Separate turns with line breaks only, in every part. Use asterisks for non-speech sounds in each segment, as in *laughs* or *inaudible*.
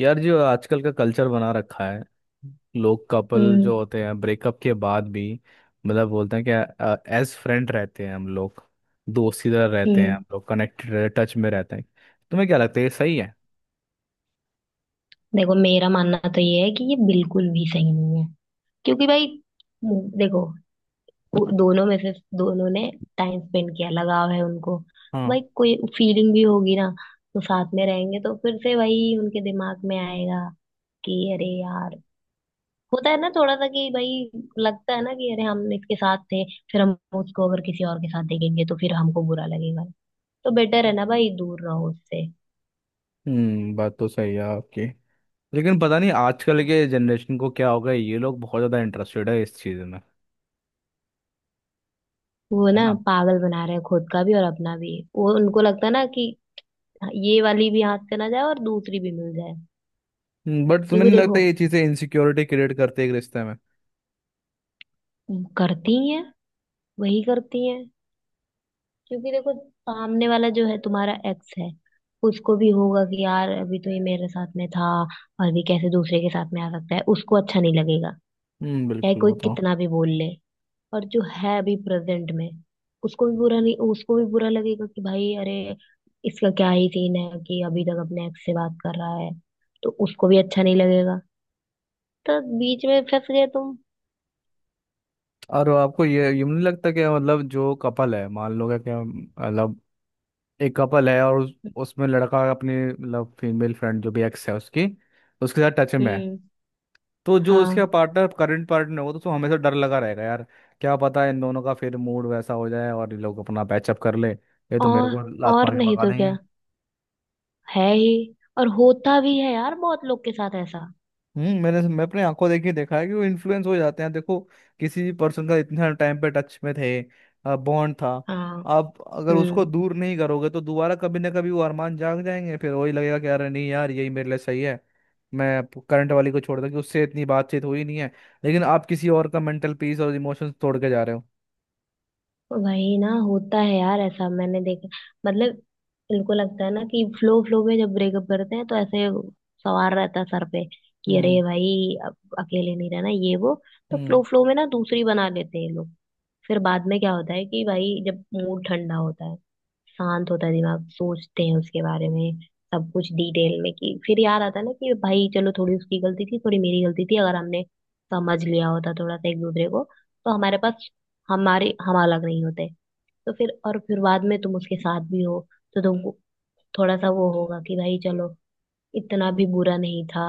यार, जो आजकल का कल्चर बना रखा है, लोग कपल
हम्म
जो होते हैं ब्रेकअप के बाद भी मतलब बोलते हैं कि एज फ्रेंड रहते हैं हम लोग, दोस्त की तरह रहते हैं. हम्म.
हम्म
हम लोग कनेक्टेड टच में रहते हैं. तुम्हें क्या लगता है, ये सही है?
देखो मेरा मानना तो ये है कि ये बिल्कुल भी सही नहीं है। क्योंकि भाई देखो, वो दोनों में से दोनों ने टाइम स्पेंड किया, लगाव है उनको।
हाँ.
भाई कोई फीलिंग भी होगी ना, तो साथ में रहेंगे तो फिर से वही उनके दिमाग में आएगा कि अरे यार, होता है ना थोड़ा सा कि भाई लगता है ना कि अरे हम इसके साथ थे। फिर हम उसको अगर किसी और के साथ देखेंगे तो फिर हमको बुरा लगेगा। तो बेटर है ना भाई, दूर रहो उससे।
बात तो सही है आपकी, लेकिन पता नहीं आजकल के जनरेशन को क्या होगा, ये लोग बहुत ज़्यादा इंटरेस्टेड है इस चीज़ में.
वो
है
ना
ना?
पागल बना रहे हैं खुद का भी और अपना भी। वो उनको लगता है ना कि ये वाली भी हाथ से ना जाए और दूसरी भी मिल जाए।
बट तुम्हें
क्योंकि
नहीं लगता
देखो,
ये चीज़ें इनसिक्योरिटी क्रिएट करते हैं एक रिश्ते में?
करती ही हैं, वही करती हैं। क्योंकि देखो, सामने वाला जो है तुम्हारा एक्स है, उसको भी होगा कि यार अभी तो ये मेरे साथ में था और भी कैसे दूसरे के साथ में आ सकता है, उसको अच्छा नहीं लगेगा। चाहे
बिल्कुल,
कोई
बताओ.
कितना भी बोल ले। और जो है अभी प्रेजेंट में, उसको भी बुरा नहीं उसको भी बुरा लगेगा कि भाई अरे, इसका क्या ही सीन है कि अभी तक अपने एक्स से बात कर रहा है। तो उसको भी अच्छा नहीं लगेगा। तो बीच में फंस गए तुम।
और आपको ये यूं नहीं लगता कि मतलब जो कपल है, मान लो, क्या क्या मतलब, एक कपल है और उसमें लड़का अपनी मतलब फीमेल फ्रेंड जो भी एक्स है उसकी, उसके साथ टच में है.
हम्म।
तो जो उसका
हाँ,
पार्टनर, करंट पार्टनर होगा, तो उसको हमेशा डर लगा रहेगा यार. क्या पता इन दोनों का फिर मूड वैसा हो जाए और ये लोग अपना पैचअप कर ले, ये तो मेरे
और
को लात
और
मार के
नहीं
भगा
तो
देंगे.
क्या, है ही। और होता भी है यार बहुत लोग के साथ ऐसा।
मैं अपने आंखों देख के देखा है कि वो इन्फ्लुएंस हो जाते हैं. देखो, किसी भी पर्सन का इतना टाइम पे टच में थे, बॉन्ड था.
हाँ।
आप अगर उसको
हम्म।
दूर नहीं करोगे तो दोबारा कभी ना कभी वो अरमान जाग जाएंगे, फिर वही लगेगा कि अरे नहीं यार, यही मेरे लिए सही है. मैं करंट वाली को छोड़ दूं कि उससे इतनी बातचीत हुई नहीं है, लेकिन आप किसी और का मेंटल पीस और इमोशंस तोड़ के जा रहे हो.
वही ना होता है यार, ऐसा मैंने देखा। मतलब, इनको लगता है ना कि फ्लो फ्लो में जब ब्रेकअप करते हैं तो ऐसे सवार रहता है सर पे कि अरे
हम्म.
भाई अब अकेले नहीं रहना, ये वो। तो
हम्म.
फ्लो फ्लो में ना दूसरी बना लेते हैं ये लोग। फिर बाद में क्या होता है कि भाई जब मूड ठंडा होता है, शांत होता है दिमाग, सोचते हैं उसके बारे में सब कुछ डिटेल में, कि फिर याद आता है ना कि भाई चलो थोड़ी उसकी गलती थी, थोड़ी मेरी गलती थी, अगर हमने समझ लिया होता थोड़ा सा एक दूसरे को, तो हमारे पास हमारे हम अलग नहीं होते। तो फिर, और फिर बाद में तुम उसके साथ भी हो, तो तुमको थोड़ा सा वो होगा कि भाई चलो, इतना भी बुरा नहीं था,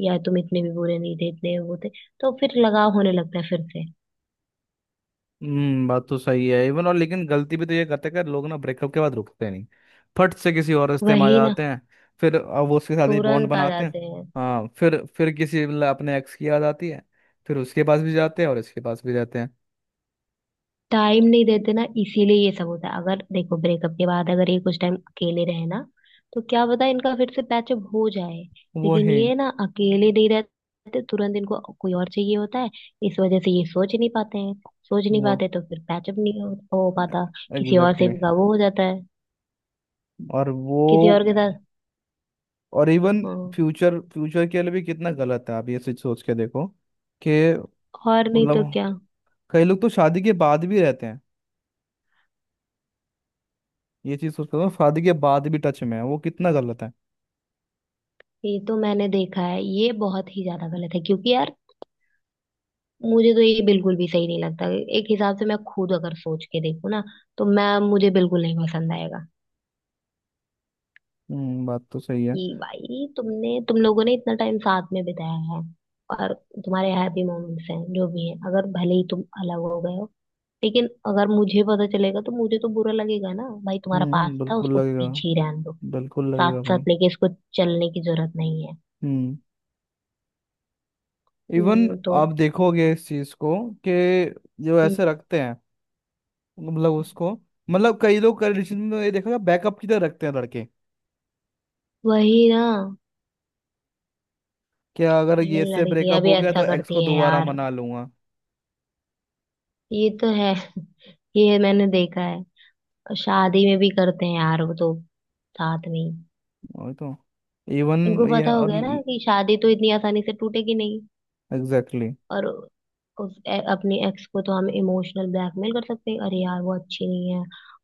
या तुम इतने भी बुरे नहीं थे, इतने वो थे। तो फिर लगाव होने लगता है फिर से।
हम्म. बात तो सही है इवन, और लेकिन गलती भी तो ये करते हैं कि लोग ना ब्रेकअप के बाद रुकते नहीं, फट से किसी और रिश्ते में आ
वही ना,
जाते हैं. फिर अब वो उसके साथ ही बॉन्ड
तुरंत आ
बनाते हैं.
जाते हैं।
हाँ. फिर अपने एक्स की याद आती है, फिर उसके पास भी जाते हैं और इसके पास भी जाते हैं.
टाइम नहीं देते ना, इसीलिए ये सब होता है। अगर देखो ब्रेकअप के बाद अगर ये कुछ टाइम अकेले रहे ना, तो क्या पता इनका फिर से पैचअप हो जाए।
वो
लेकिन
ही.
ये ना अकेले नहीं रहते, तुरंत इनको कोई और चाहिए होता है। इस वजह से ये सोच नहीं पाते हैं। सोच नहीं
वो
पाते तो फिर पैचअप नहीं हो पाता। किसी और
एग्जैक्टली
से
exactly.
इनका वो हो जाता है,
और
किसी
वो
और के साथ।
और इवन
हाँ,
फ्यूचर फ्यूचर के लिए भी कितना गलत है, आप ये चीज सोच के देखो, कि
और नहीं तो
मतलब
क्या।
कई लोग तो शादी के बाद भी रहते हैं. ये चीज सोच के देखो, शादी के बाद भी टच में है, वो कितना गलत है.
ये तो मैंने देखा है, ये बहुत ही ज्यादा गलत है। क्योंकि यार मुझे तो ये बिल्कुल भी सही नहीं लगता। एक हिसाब से मैं खुद अगर सोच के देखूँ ना, तो मैं मुझे बिल्कुल नहीं पसंद आएगा
बात तो सही है.
कि भाई तुम लोगों ने इतना टाइम साथ में बिताया है, और तुम्हारे हैप्पी मोमेंट्स हैं जो भी हैं, अगर भले ही तुम अलग हो गए हो, लेकिन अगर मुझे पता चलेगा तो मुझे तो बुरा लगेगा ना भाई, तुम्हारा पास था,
बिल्कुल
उसको
लगेगा,
पीछे ही रहने दो।
बिल्कुल लगेगा
साथ
भाई.
साथ लेके इसको चलने की जरूरत नहीं है।
हम्म. इवन
तो,
आप देखोगे इस चीज को, कि जो
हम्म,
ऐसे रखते हैं, मतलब उसको, मतलब कई लोग कंडीशन में, ये देखा, बैकअप की तरह रखते हैं लड़के.
वही ना।
क्या अगर
इवन
ये से
लड़कियां
ब्रेकअप
भी
हो गया तो
ऐसा
एक्स को
करती हैं
दोबारा
यार,
मना लूंगा.
ये तो है। *laughs* ये मैंने देखा है। और शादी में भी करते हैं यार वो तो, साथ में ही।
वही तो. इवन.
उनको
ये
पता हो
और
गया ना कि शादी तो इतनी आसानी से टूटेगी नहीं।
एग्जैक्टली.
और अपने एक्स को तो हम इमोशनल ब्लैकमेल कर सकते हैं, अरे यार वो अच्छी नहीं है,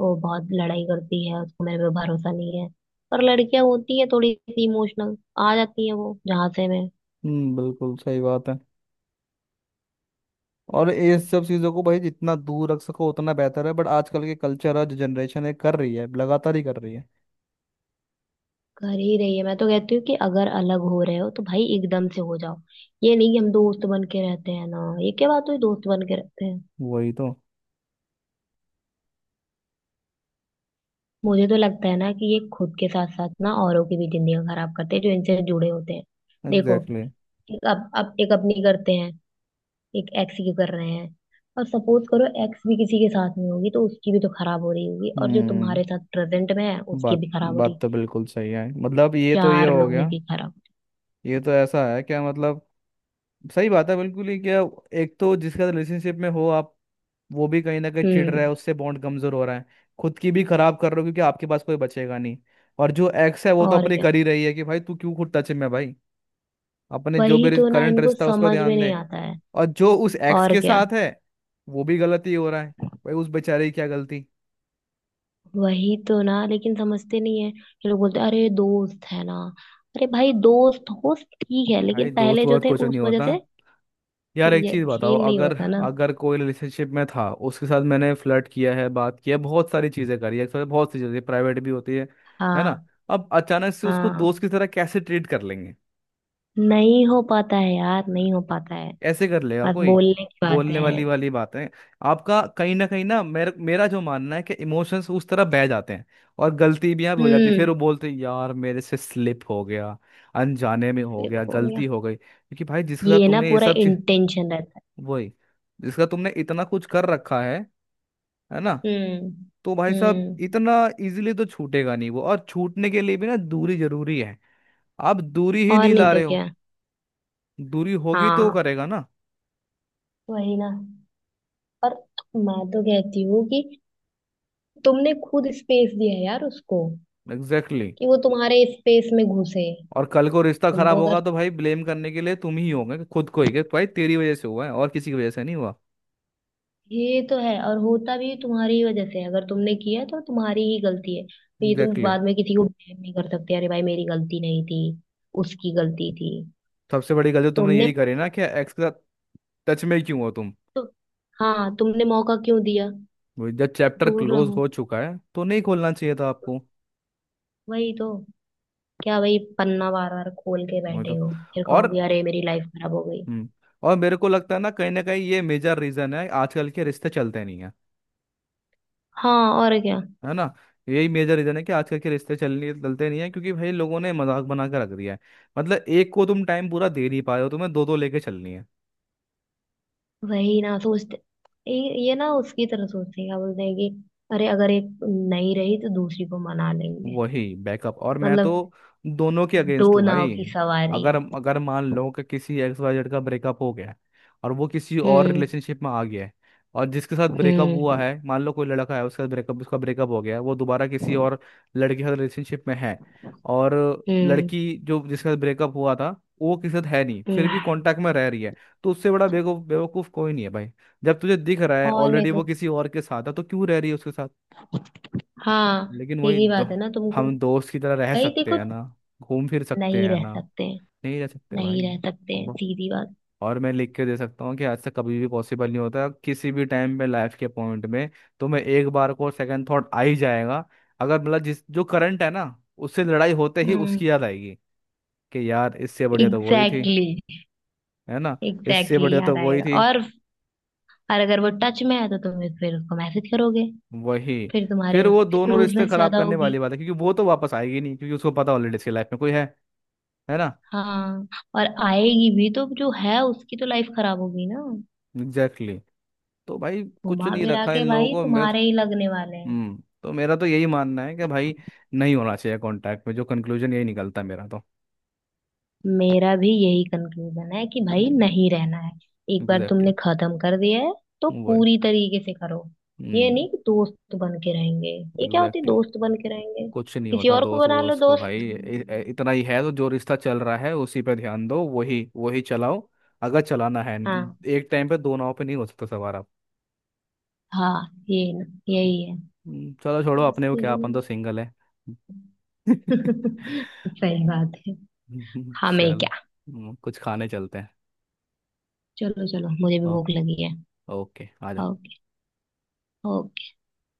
वो बहुत लड़ाई करती है, उसको मेरे पे भरोसा नहीं है। पर लड़कियां होती है थोड़ी सी इमोशनल, आ जाती है वो जहां से में।
बिल्कुल सही बात है. और ये सब चीज़ों को भाई जितना दूर रख सको उतना बेहतर है, बट आजकल के कल्चर और जो जनरेशन है कर रही है, लगातार ही कर रही है.
कर ही रही है, मैं तो कहती हूँ कि अगर अलग हो रहे हो तो भाई एकदम से हो जाओ। ये नहीं कि हम दोस्त बन के रहते हैं ना, ये क्या बात हुई दोस्त बन के रहते हैं।
वही तो.
मुझे तो लगता है ना कि ये खुद के साथ साथ ना औरों की भी जिंदगी खराब करते हैं जो इनसे जुड़े होते हैं। देखो,
एग्जैक्टली exactly.
एक अब एक अपनी करते हैं, एक एक्स की कर रहे हैं, और सपोज करो एक्स भी किसी के साथ में होगी तो उसकी भी तो खराब हो रही होगी, और जो
हम्म
तुम्हारे साथ प्रेजेंट में है उसकी
बात
भी खराब हो
बात
रही।
तो बिल्कुल सही है. मतलब ये तो ये
चार
हो
लोगों
गया.
की खराब।
ये तो ऐसा है, क्या मतलब, सही बात है बिल्कुल ही, क्या. एक तो जिसका रिलेशनशिप में हो आप, वो भी कहीं ना कहीं चिढ़ रहा है,
हम्म।
उससे बॉन्ड कमजोर हो रहा है. खुद की भी खराब कर रहे हो क्योंकि आपके पास कोई बचेगा नहीं. और जो एक्स है वो तो
और
अपनी
क्या,
कर ही रही है, कि भाई तू क्यों खुद टच में है, भाई अपने जो
वही
भी
तो ना,
करंट
इनको
रिश्ता है, उस पर
समझ में
ध्यान
नहीं
दे.
आता है।
और जो उस एक्स
और
के
क्या,
साथ है, वो भी गलती हो रहा है, भाई उस बेचारे की क्या गलती.
वही तो ना, लेकिन समझते नहीं है ये लोग, बोलते हैं अरे दोस्त है ना। अरे भाई दोस्त हो ठीक है, लेकिन
भाई दोस्त
पहले जो
वोस्त
थे
कुछ
उस
नहीं
वजह
होता.
से
यार एक चीज बताओ,
यकीन नहीं
अगर
होता ना।
अगर कोई रिलेशनशिप में था, उसके साथ मैंने फ्लर्ट किया है, बात किया, बहुत सारी चीजें करी है एक साथ, बहुत सी चीजें प्राइवेट भी होती है ना?
हाँ।
अब अचानक से उसको
हाँ,
दोस्त की तरह कैसे ट्रीट कर लेंगे?
नहीं हो पाता है यार, नहीं हो पाता है।
ऐसे कर लेगा
बस
कोई?
बोलने की बातें
बोलने
हैं।
वाली वाली बातें. आपका कहीं ना कहीं ना, मेरा मेरा जो मानना है कि इमोशंस उस तरह बह जाते हैं, और गलती भी यहाँ पे हो जाती है.
हम्म।
फिर वो बोलते हैं यार मेरे से स्लिप हो गया, अनजाने में हो
Flip
गया,
हो गया,
गलती हो गई. क्योंकि भाई जिसके साथ
ये ना
तुमने ये
पूरा
सब,
इंटेंशन रहता है।
वही, जिसका तुमने इतना कुछ कर रखा है ना.
हम्म।
तो भाई साहब
हम्म।
इतना इजीली तो छूटेगा नहीं वो, और छूटने के लिए भी ना दूरी जरूरी है. आप दूरी ही
और
नहीं
नहीं
ला
तो
रहे हो.
क्या।
दूरी होगी तो वो
हाँ,
करेगा ना.
वही ना। पर मैं तो कहती हूँ कि तुमने खुद स्पेस दिया है यार उसको,
एग्जैक्टली exactly.
कि वो तुम्हारे स्पेस में घुसे।
और कल को रिश्ता खराब
तुमको
होगा
अगर
तो भाई ब्लेम करने के लिए तुम ही होगे, खुद को ही कि भाई तेरी वजह से हुआ है, और किसी की वजह से नहीं हुआ.
ये तो है, और होता भी तुम्हारी वजह से है। अगर तुमने किया तो तुम्हारी ही गलती है, तो ये तुम
एग्जैक्टली exactly.
बाद में किसी को ब्लेम नहीं कर सकते, अरे भाई मेरी गलती नहीं थी, उसकी गलती थी।
सबसे बड़ी गलती तुमने
तुमने
यही करी ना, कि एक्स के साथ टच में ही क्यों हो तुम.
तो हाँ, तुमने मौका क्यों दिया।
वही, जब चैप्टर
दूर
क्लोज
रहो,
हो चुका है तो नहीं खोलना चाहिए था आपको.
वही तो। क्या वही पन्ना बार बार खोल के
वही
बैठे
तो.
हो, फिर
और
कहोगे अरे मेरी लाइफ खराब हो गई।
हम्म और मेरे को लगता है ना, कहीं ना कहीं ये मेजर रीजन है आजकल के रिश्ते चलते नहीं है.
हाँ और क्या।
है ना? यही मेजर रीजन है कि आजकल के रिश्ते चलने चलते नहीं है, क्योंकि भाई लोगों ने मजाक बना के रख दिया है. मतलब एक को तुम टाइम पूरा दे नहीं पा रहे हो, तुम्हें दो दो लेके चलनी है.
वही ना, सोचते ये ना उसकी तरह सोचते हैं, क्या बोलते हैं कि अरे अगर एक नहीं रही तो दूसरी को मना लेंगे।
वही बैकअप, और मैं तो
मतलब
दोनों के
दो
अगेंस्ट हूँ
नाव
भाई.
की सवारी।
अगर अगर मान लो कि किसी एक्स वाई जेड का ब्रेकअप हो गया है और वो किसी और
हम्म।
रिलेशनशिप में आ गया है, और जिसके साथ ब्रेकअप हुआ
हम्म।
है, मान लो कोई लड़का है, उसका ब्रेकअप हो गया है, वो दोबारा किसी और लड़के के साथ रिलेशनशिप में है, और
हम्म।
लड़की जो जिसके साथ ब्रेकअप हुआ था, वो किसी के साथ है नहीं,
हम्म।
फिर भी कांटेक्ट में रह रही है, तो उससे बड़ा बेवकूफ बेवकूफ कोई नहीं है भाई. जब तुझे दिख रहा है
और नहीं
ऑलरेडी
तो,
वो किसी और के साथ है, तो क्यों रह रही है उसके साथ.
हाँ
लेकिन वही
सीधी बात है ना तुमको।
हम दोस्त की तरह रह
भाई
सकते
देखो,
हैं ना? घूम फिर सकते
नहीं
हैं
रह
ना?
सकते हैं,
नहीं रह सकते
नहीं
भाई.
रह सकते हैं,
ब-
सीधी बात।
और मैं लिख के दे सकता हूँ कि आज से कभी भी पॉसिबल नहीं होता, किसी भी टाइम पे लाइफ के पॉइंट में. तो मैं एक बार को सेकंड थॉट आ ही जाएगा, अगर मतलब जिस जो करंट है ना, उससे लड़ाई होते ही
हम्म।
उसकी याद आएगी, कि यार इससे बढ़िया तो वही थी,
एग्जैक्टली exactly.
है ना. इससे
एग्जैक्टली exactly,
बढ़िया तो
याद
वही
आएगा।
थी.
और अगर वो टच में है तो तुम फिर उसको मैसेज करोगे,
वही.
फिर तुम्हारे
फिर वो
उससे
दोनों रिश्ते
क्लोजनेस
खराब
ज्यादा
करने
होगी।
वाली बात है, क्योंकि वो तो वापस आएगी नहीं, क्योंकि उसको पता ऑलरेडी इसकी लाइफ में कोई है ना.
हाँ, और आएगी भी तो जो है उसकी तो लाइफ खराब होगी ना।
एग्जैक्टली. तो भाई कुछ
घुमा
नहीं
फिरा
रखा
के
इन लोगों
भाई
को मेरे.
तुम्हारे ही लगने वाले हैं।
तो मेरा तो यही मानना है कि भाई नहीं होना चाहिए कांटेक्ट में, जो कंक्लूजन यही निकलता है मेरा तो.
मेरा भी यही कंक्लूजन है कि भाई
हम्म.
नहीं रहना है। एक बार
एग्जैक्टली.
तुमने खत्म कर दिया है, तो
वो है.
पूरी तरीके से करो। ये
हम्म.
नहीं कि दोस्त बन के रहेंगे, ये क्या होती है
एग्जैक्टली.
दोस्त बन के रहेंगे।
कुछ नहीं
किसी
होता
और को
दोस्त
बना लो
वोस्त को
दोस्त।
भाई. इतना ही है तो जो रिश्ता चल रहा है उसी पे ध्यान दो, वही वही चलाओ, अगर चलाना है.
हाँ।
एक टाइम पे दो नाव पे नहीं हो सकता सवार आप.
हाँ, ये ना यही है,
चलो छोड़ो, अपने को
समझते
क्या, अपन
नहीं।
तो सिंगल है.
*laughs*
*laughs*
हो। सही बात है, हमें
चलो,
क्या।
कुछ खाने चलते हैं.
चलो, चलो मुझे भी
ओ-
भूख लगी है।
ओके आ जाओ.
ओके। ओके।